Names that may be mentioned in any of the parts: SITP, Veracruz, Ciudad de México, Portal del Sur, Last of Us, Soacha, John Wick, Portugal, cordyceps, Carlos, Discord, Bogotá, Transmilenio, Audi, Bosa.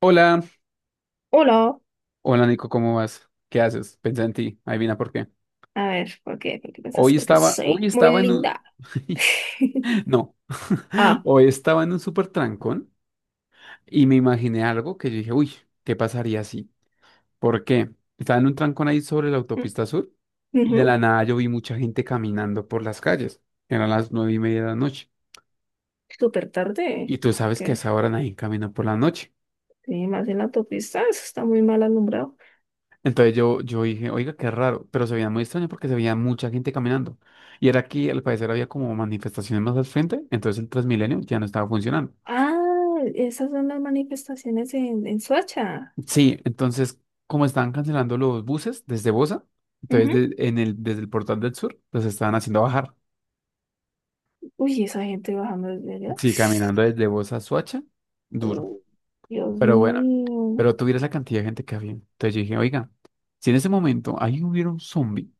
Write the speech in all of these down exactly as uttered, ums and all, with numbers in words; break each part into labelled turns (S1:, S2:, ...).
S1: Hola,
S2: Hola.
S1: hola Nico, ¿cómo vas? ¿Qué haces? Pensé en ti, adivina por qué.
S2: A ver, ¿por qué? ¿Por qué pensaste?
S1: Hoy
S2: Porque
S1: estaba, hoy
S2: soy muy
S1: estaba en un...
S2: linda.
S1: No,
S2: Ah,
S1: hoy estaba en un súper trancón y me imaginé algo que yo dije, uy, ¿qué pasaría así? ¿Por qué? Estaba en un trancón ahí sobre la
S2: mm,
S1: autopista sur y
S2: ujú.
S1: de la nada yo vi mucha gente caminando por las calles. Eran las nueve y media de la noche.
S2: Súper
S1: Y
S2: tarde.
S1: tú sabes que a
S2: ¿Qué?
S1: esa hora nadie camina por la noche.
S2: Sí, más en la autopista. Eso está muy mal alumbrado.
S1: Entonces yo, yo dije, oiga, qué raro, pero se veía muy extraño porque se veía mucha gente caminando. Y era que al parecer había como manifestaciones más al frente, entonces el Transmilenio ya no estaba funcionando.
S2: Ah, esas son las manifestaciones en, en Soacha.
S1: Sí, entonces como estaban cancelando los buses desde Bosa, entonces
S2: Ujú.
S1: de- en el, desde el Portal del Sur los estaban haciendo bajar.
S2: Uy, esa gente bajando desde allá.
S1: Sí, caminando desde Bosa a Soacha, duro.
S2: Uh, Dios
S1: Pero bueno,
S2: mío.
S1: pero tú vieras la cantidad de gente que había. Entonces yo dije, oiga, si en ese momento ahí hubiera un zombie,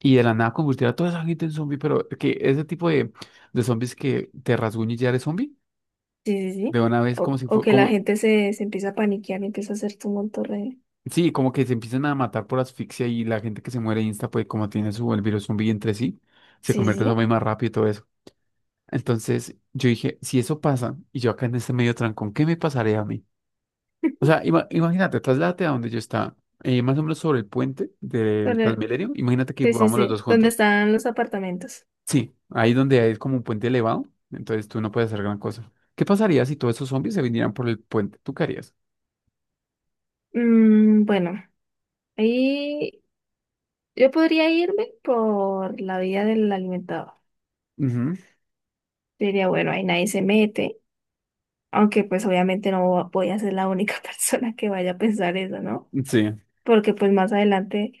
S1: y de la nada convertir a toda esa gente en zombie, pero que ese tipo de, de zombies que te rasguña y ya eres zombie,
S2: Sí, sí,
S1: de
S2: sí.
S1: una vez
S2: O,
S1: como si
S2: o
S1: fue,
S2: que la
S1: como,
S2: gente se, se empieza a paniquear y empieza a hacer tumulto re.
S1: sí, como que se empiezan a matar por asfixia y la gente que se muere insta, pues como tiene su, el virus zombie entre sí, se
S2: Sí,
S1: convierte en
S2: sí,
S1: zombie más rápido y todo eso. Entonces yo dije, si eso pasa y yo acá en este medio trancón, ¿qué me pasaría a mí?
S2: sí.
S1: O sea, ima- imagínate, trasládate a donde yo estaba, eh, más o menos sobre el puente del
S2: Donde-
S1: Transmilenio, imagínate que
S2: Sí, sí,
S1: vamos los dos
S2: sí. ¿Dónde
S1: juntos.
S2: están los apartamentos?
S1: Sí, ahí donde hay como un puente elevado, entonces tú no puedes hacer gran cosa. ¿Qué pasaría si todos esos zombies se vinieran por el puente? ¿Tú qué harías?
S2: Mm, bueno, ahí yo podría irme por la vía del alimentador.
S1: Ujú.
S2: Yo diría, bueno, ahí nadie se mete, aunque pues obviamente no voy a ser la única persona que vaya a pensar eso, ¿no?
S1: Sí.
S2: Porque pues más adelante,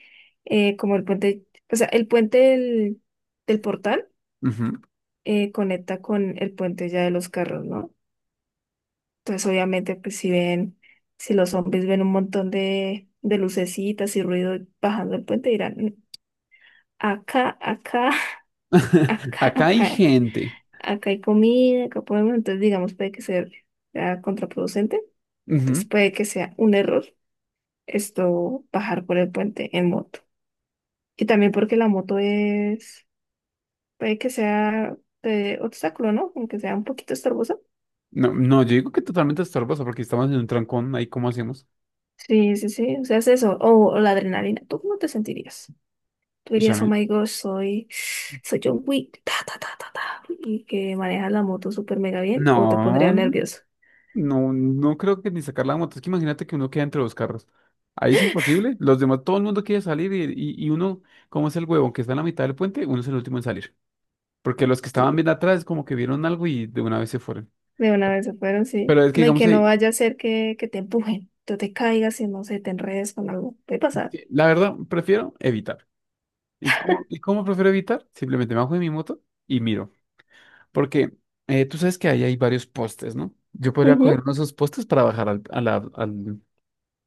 S2: eh, como el puente, o sea, el puente del, del portal
S1: Ujú.
S2: eh, conecta con el puente ya de los carros, ¿no? Entonces obviamente pues si ven, si los zombies ven un montón de, de lucecitas y ruido bajando el puente, dirán, "Mm, acá, acá. Acá,
S1: Acá hay
S2: acá,
S1: gente.
S2: acá hay comida, acá podemos, entonces digamos, puede que sea, sea contraproducente, entonces
S1: Ujú.
S2: puede que sea un error esto bajar por el puente en moto. Y también porque la moto es, puede que sea de obstáculo, ¿no? Aunque sea un poquito estorbosa.
S1: No, no, yo digo que totalmente estorbosa porque estamos en un trancón, ahí cómo hacemos.
S2: Sí, sí, sí, o sea, es eso, o, o la adrenalina, ¿tú cómo te sentirías? Tú
S1: Uy, a
S2: dirías, oh
S1: mí...
S2: my gosh, soy, soy John Wick, ta, ta, ta, ta, ta, y que maneja la moto súper mega bien, o te pondría
S1: No,
S2: nervioso.
S1: no, no creo que ni sacar la moto. Es que imagínate que uno queda entre los carros. Ahí es imposible. Los demás, todo el mundo quiere salir y, y, y uno, como es el huevón que está en la mitad del puente, uno es el último en salir. Porque los que estaban bien atrás como que vieron algo y de una vez se fueron.
S2: De una vez se fueron, sí.
S1: Pero es que
S2: No, y
S1: digamos,
S2: que no
S1: ahí,
S2: vaya a ser que, que te empujen, tú te caigas y no sé, te enredes con algo. Puede pasar.
S1: que la verdad, prefiero evitar. ¿Y cómo, y cómo prefiero evitar? Simplemente me bajo de mi moto y miro. Porque eh, tú sabes que ahí hay varios postes, ¿no? Yo podría coger
S2: Ujú.
S1: uno de esos postes para bajar al, a la- al,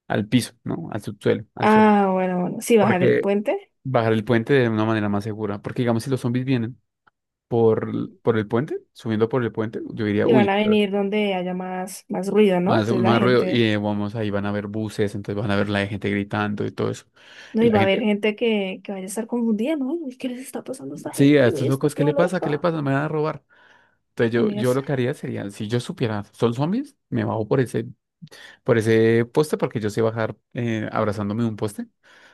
S1: al piso, ¿no? Al subsuelo, al suelo.
S2: Ah, bueno, bueno. Sí, bajar el
S1: Porque
S2: puente
S1: bajar el puente de una manera más segura. Porque digamos, si los zombies vienen por, por el puente, subiendo por el puente, yo diría,
S2: y van a
S1: uy,
S2: venir donde haya más, más ruido, ¿no?
S1: más,
S2: Entonces la
S1: más ruido. Y
S2: gente,
S1: eh, vamos, ahí van a ver buses, entonces van a ver la gente gritando y todo eso.
S2: no,
S1: Y
S2: y
S1: la
S2: va a haber
S1: gente,
S2: gente que, que vaya a estar confundida, ¿no? Uy, ¿qué les está pasando a esta
S1: sí, a
S2: gente?
S1: estos
S2: Mira, está
S1: locos, ¿qué
S2: toda
S1: le pasa? ¿Qué le
S2: loca.
S1: pasa? Me van a robar. Entonces
S2: No,
S1: yo,
S2: mira,
S1: yo
S2: es-
S1: lo que haría sería, si yo supiera, son zombies, me bajo por ese, por ese poste porque yo sé bajar eh, abrazándome de un poste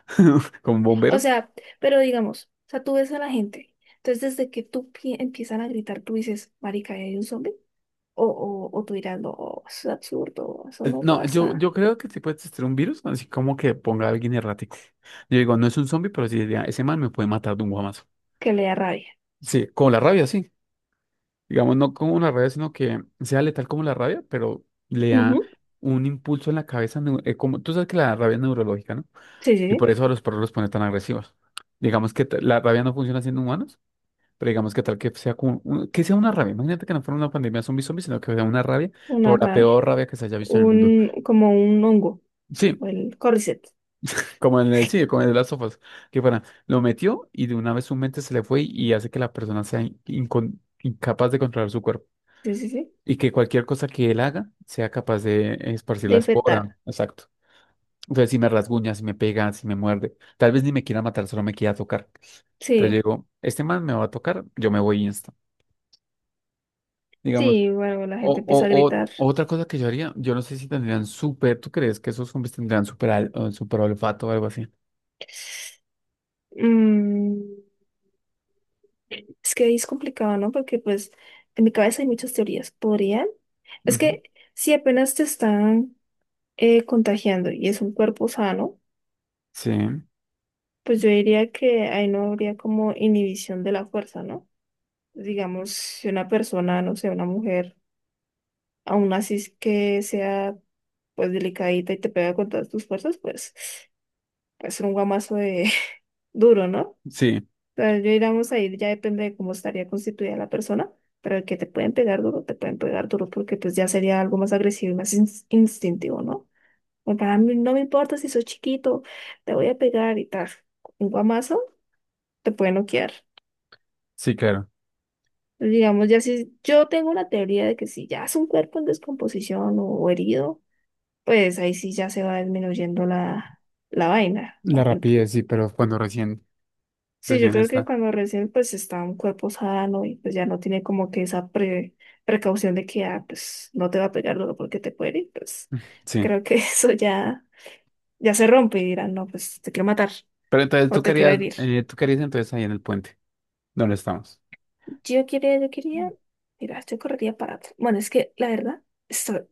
S1: como un
S2: O
S1: bombero.
S2: sea, pero digamos, o sea, tú ves a la gente. Entonces, desde que tú pi- empiezan a gritar, tú dices, marica, ¿ahí hay un zombie? O, o, o tú dirás, no, eso es absurdo, eso
S1: Eh,
S2: no
S1: No, yo,
S2: pasa.
S1: yo creo que sí puede existir un virus, así como que ponga a alguien errático. Yo digo, no es un zombie, pero sí diría, ese man me puede matar de un guamazo.
S2: Que le da rabia.
S1: Sí, con la rabia, sí. Digamos, no como una rabia, sino que sea letal como la rabia, pero le da
S2: Ujú.
S1: un impulso en la cabeza, neu- eh, como tú sabes que la rabia es neurológica, ¿no?
S2: Sí, sí,
S1: Y
S2: sí,
S1: por eso a los perros los pone tan agresivos. Digamos que ta- la rabia no funciona siendo humanos, pero digamos que tal que sea como un- que sea una rabia. Imagínate que no fuera una pandemia zombie zombie, sino que sea una rabia, pero
S2: una
S1: la
S2: rabia.
S1: peor rabia que se haya visto en el mundo.
S2: Un, como un hongo,
S1: Sí,
S2: o el cordyceps.
S1: como en el sí, como en las sofas, que fuera, lo metió y de una vez su mente se le fue y hace que la persona sea in- incon- incapaz de controlar su cuerpo.
S2: Sí, sí, sí.
S1: Y que cualquier cosa que él haga sea capaz de esparcir
S2: De
S1: la espora.
S2: infectar.
S1: Exacto. Entonces, si me rasguña, si me pega, si me muerde, tal vez ni me quiera matar, solo me quiera tocar. Entonces yo
S2: Sí,
S1: digo, este man me va a tocar, yo me voy insta, digamos.
S2: sí, bueno, la gente
S1: O,
S2: empieza a
S1: o,
S2: gritar.
S1: o otra cosa que yo haría, yo no sé si tendrían súper, ¿tú crees que esos zombies tendrían súper al- o súper olfato o algo así?
S2: Mm, es que ahí es complicado, ¿no? Porque pues en mi cabeza hay muchas teorías. ¿Podrían? Es
S1: Ujú.
S2: que si apenas te están eh, contagiando y es un cuerpo sano,
S1: Sí,
S2: pues yo diría que ahí no habría como inhibición de la fuerza, ¿no? Digamos, si una persona, no sé, una mujer, aún así es que sea pues delicadita y te pega con todas tus fuerzas, pues puede ser un guamazo de duro, ¿no? O
S1: sí,
S2: sea, yo digamos ahí ya depende de cómo estaría constituida la persona, pero el que te pueden pegar duro, te pueden pegar duro porque pues ya sería algo más agresivo y más ins- instintivo, ¿no? Porque a mí no me importa si sos chiquito, te voy a pegar y tal. Un guamazo te puede noquear.
S1: sí, claro.
S2: Digamos, ya si yo tengo una teoría de que si ya es un cuerpo en descomposición o, herido, pues ahí sí ya se va disminuyendo la, la vaina.
S1: La
S2: ¿No? El-
S1: rapidez, sí, pero cuando recién,
S2: sí, yo
S1: recién
S2: creo que
S1: está.
S2: cuando recién pues está un cuerpo sano y pues ya no tiene como que esa pre- precaución de que ah, pues no te va a pegar luego porque te puede herir, pues
S1: Sí.
S2: creo que eso ya, ya se rompe y dirán, no, pues te quiero matar
S1: Pero entonces
S2: o
S1: tú
S2: te quiero
S1: querías,
S2: herir.
S1: eh, tú querías entonces ahí en el puente, donde estamos.
S2: Yo quería, yo quería, mira, yo correría para atrás. Bueno, es que la verdad. esto-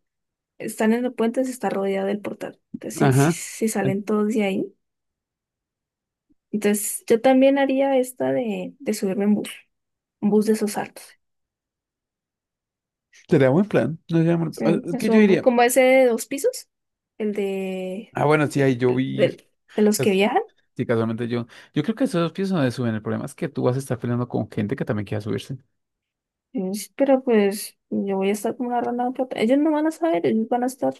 S2: Están en el puente, se está rodeado del portal. Entonces, si, si,
S1: Ajá.
S2: si salen todos de ahí. Entonces, yo también haría esta de, de subirme en bus, un bus de esos altos.
S1: Sería buen plan. No sería mal-
S2: Sí,
S1: ah, es
S2: es
S1: que yo
S2: un bu-
S1: diría,
S2: como ese de dos pisos, el de,
S1: ah, bueno, sí,
S2: de,
S1: ahí yo
S2: de,
S1: vi,
S2: de- de los que
S1: cas-
S2: viajan.
S1: sí, casualmente yo, yo creo que esos pisos no se suben. El problema es que tú vas a estar peleando con gente que también quiera subirse.
S2: Es- Pero pues yo voy a estar como una rana en plata. Ellos no van a saber, ellos van a estar...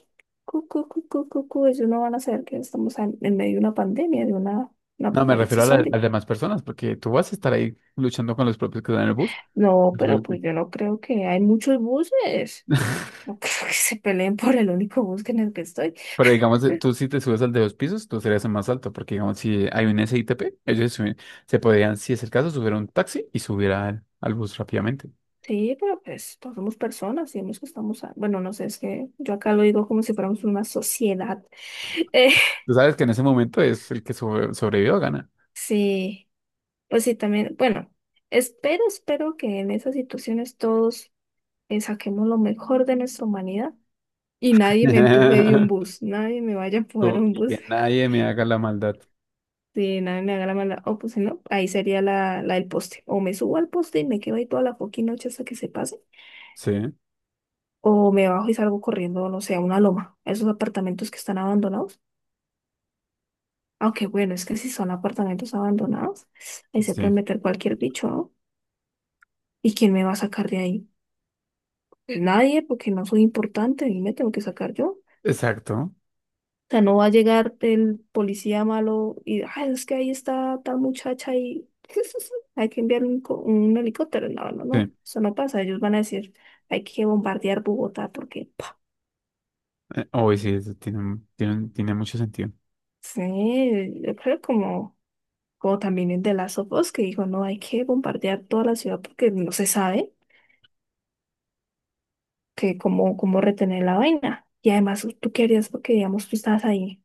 S2: Cu, cu, cu, cu, cu, cu. Ellos no van a saber que estamos en, en medio de una pandemia, de una, un
S1: No, me refiero a,
S2: apocalipsis
S1: la- a
S2: zombie.
S1: las demás personas, porque tú vas a estar ahí luchando con los propios que están en el bus.
S2: No, pero
S1: Suerte.
S2: pues yo no creo que hay muchos buses. No creo que se peleen por el único bus en el que estoy.
S1: Pero digamos, eh, tú si te subes al de dos pisos, tú serías el más alto, porque digamos, si hay un S I T P, ellos se, suben- se podrían, si es el caso, subir a un taxi y subir al, al bus rápidamente.
S2: Sí, pero pues todos somos personas y hemos que estamos, a- bueno, no sé, es que yo acá lo digo como si fuéramos una sociedad. Eh,
S1: Tú sabes que en ese momento es el que sobre- sobrevivió gana.
S2: sí, pues sí, también, bueno, espero, espero que en esas situaciones todos eh, saquemos lo mejor de nuestra humanidad y nadie me empuje de un bus, nadie me vaya a empujar
S1: Co-
S2: un
S1: Y
S2: bus.
S1: que nadie me haga la maldad.
S2: Si nadie me haga la mala, o pues si no, ahí sería la, la del poste. O me subo al poste y me quedo ahí toda la fucking noche hasta que se pase.
S1: Sí,
S2: O me bajo y salgo corriendo, no sé, a una loma, a esos apartamentos que están abandonados. Aunque bueno, es que si son apartamentos abandonados, ahí se puede
S1: sí,
S2: meter cualquier bicho, ¿no? ¿Y quién me va a sacar de ahí? Pues nadie, porque no soy importante y me tengo que sacar yo.
S1: exacto.
S2: O sea, no va a llegar el policía malo y, ay, es que ahí está tal muchacha y hay que enviar un, co- un helicóptero. No, no,
S1: Sí,
S2: no, eso no pasa. Ellos van a decir, hay que bombardear Bogotá porque, pa,
S1: eh, hoy sí, eso tiene, mu- tiene, tiene mucho sentido.
S2: sí, yo creo como... como también el de Last of Us, que dijo, no, hay que bombardear toda la ciudad porque no se sabe que cómo, cómo retener la vaina. Y además, ¿tú qué harías? Porque, digamos, tú estás ahí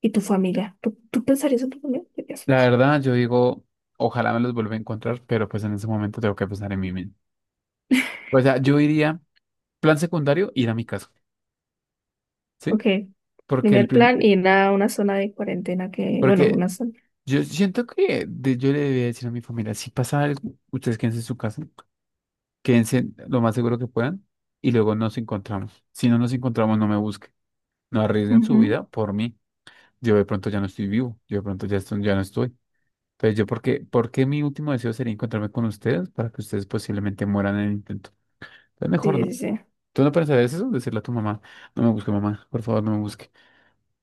S2: y tu familia. ¿Tú, tú pensarías en tu familia? ¿Qué harías?
S1: La verdad, yo digo, ojalá me los vuelva a encontrar, pero pues en ese momento tengo que pensar en mí mismo. O sea, yo iría, plan secundario, ir a mi casa,
S2: Ok,
S1: ¿sí? Porque el
S2: primer
S1: prim-
S2: plan, ir a una zona de cuarentena que, bueno,
S1: porque
S2: una zona.
S1: yo siento que de- yo le debía decir a mi familia, si pasa algo, ustedes quédense en su casa, quédense lo más seguro que puedan y luego nos encontramos. Si no nos encontramos, no me busquen, no arriesguen su
S2: Ujú.
S1: vida por mí. Yo de pronto ya no estoy vivo, yo de pronto ya, estoy- ya no estoy. Entonces, yo, ¿por qué, por qué mi último deseo sería encontrarme con ustedes para que ustedes posiblemente mueran en el intento? Entonces, mejor
S2: Sí, sí,
S1: no.
S2: sí.
S1: ¿Tú no pensarías eso? Decirle a tu mamá, no me busque, mamá, por favor, no me busque.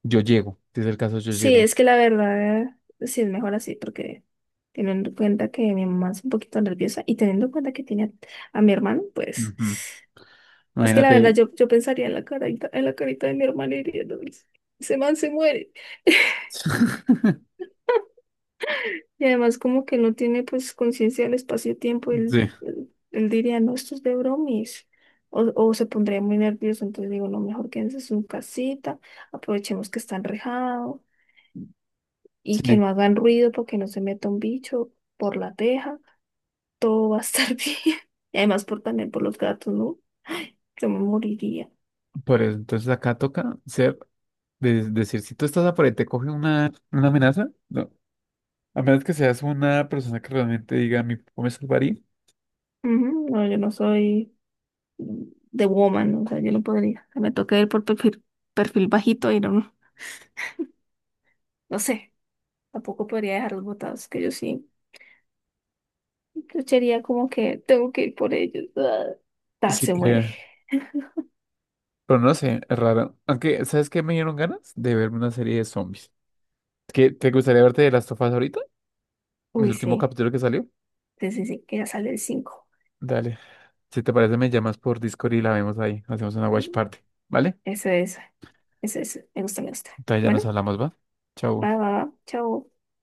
S1: Yo llego, si es el caso, yo
S2: Sí,
S1: llego.
S2: es que la verdad, sí es mejor así, porque teniendo en cuenta que mi mamá es un poquito nerviosa y teniendo en cuenta que tiene a, a mi hermano, pues...
S1: Ujú.
S2: Es que la verdad
S1: Imagínate.
S2: yo, yo pensaría en la carita, en la carita de mi hermana y diría, "No, ese man se muere. Y además como que no tiene pues conciencia del espacio-tiempo, él,
S1: Sí,
S2: él, él diría, no, esto es de bromis. O, o se pondría muy nervioso, entonces digo, no, mejor quédense en su casita, aprovechemos que está enrejado y que
S1: sí.
S2: no hagan ruido porque no se meta un bicho por la teja, todo va a estar bien. Y además por, también por los gatos, ¿no? Yo me moriría.
S1: Por eso, entonces acá toca ser, de- decir, si tú estás a por ahí, te coge una, una amenaza, no. A menos que seas una persona que realmente diga, mi papá me salvaría.
S2: Ujú. No, yo no soy de woman, o sea, yo no podría. Me toca ir por perfil, perfil bajito y no, no sé, tampoco podría dejar los botados, que yo sí, yo sería como que tengo que ir por ellos. Ah, tal
S1: Sí,
S2: se muere.
S1: pero no sé, es raro. Aunque, ¿sabes qué me dieron ganas? De verme una serie de zombies. Es que, ¿te gustaría verte de Last of Us ahorita? El
S2: Uy,
S1: último
S2: sí,
S1: capítulo que salió.
S2: sí, sí, sí, que ya sale el cinco.
S1: Dale. Si te parece, me llamas por Discord y la vemos ahí. Hacemos una watch party. ¿Vale?
S2: Eso es, eso es, me gusta, me gusta.
S1: Entonces ya
S2: Bueno,
S1: nos hablamos, ¿va? Chau.
S2: va, va, va, chao.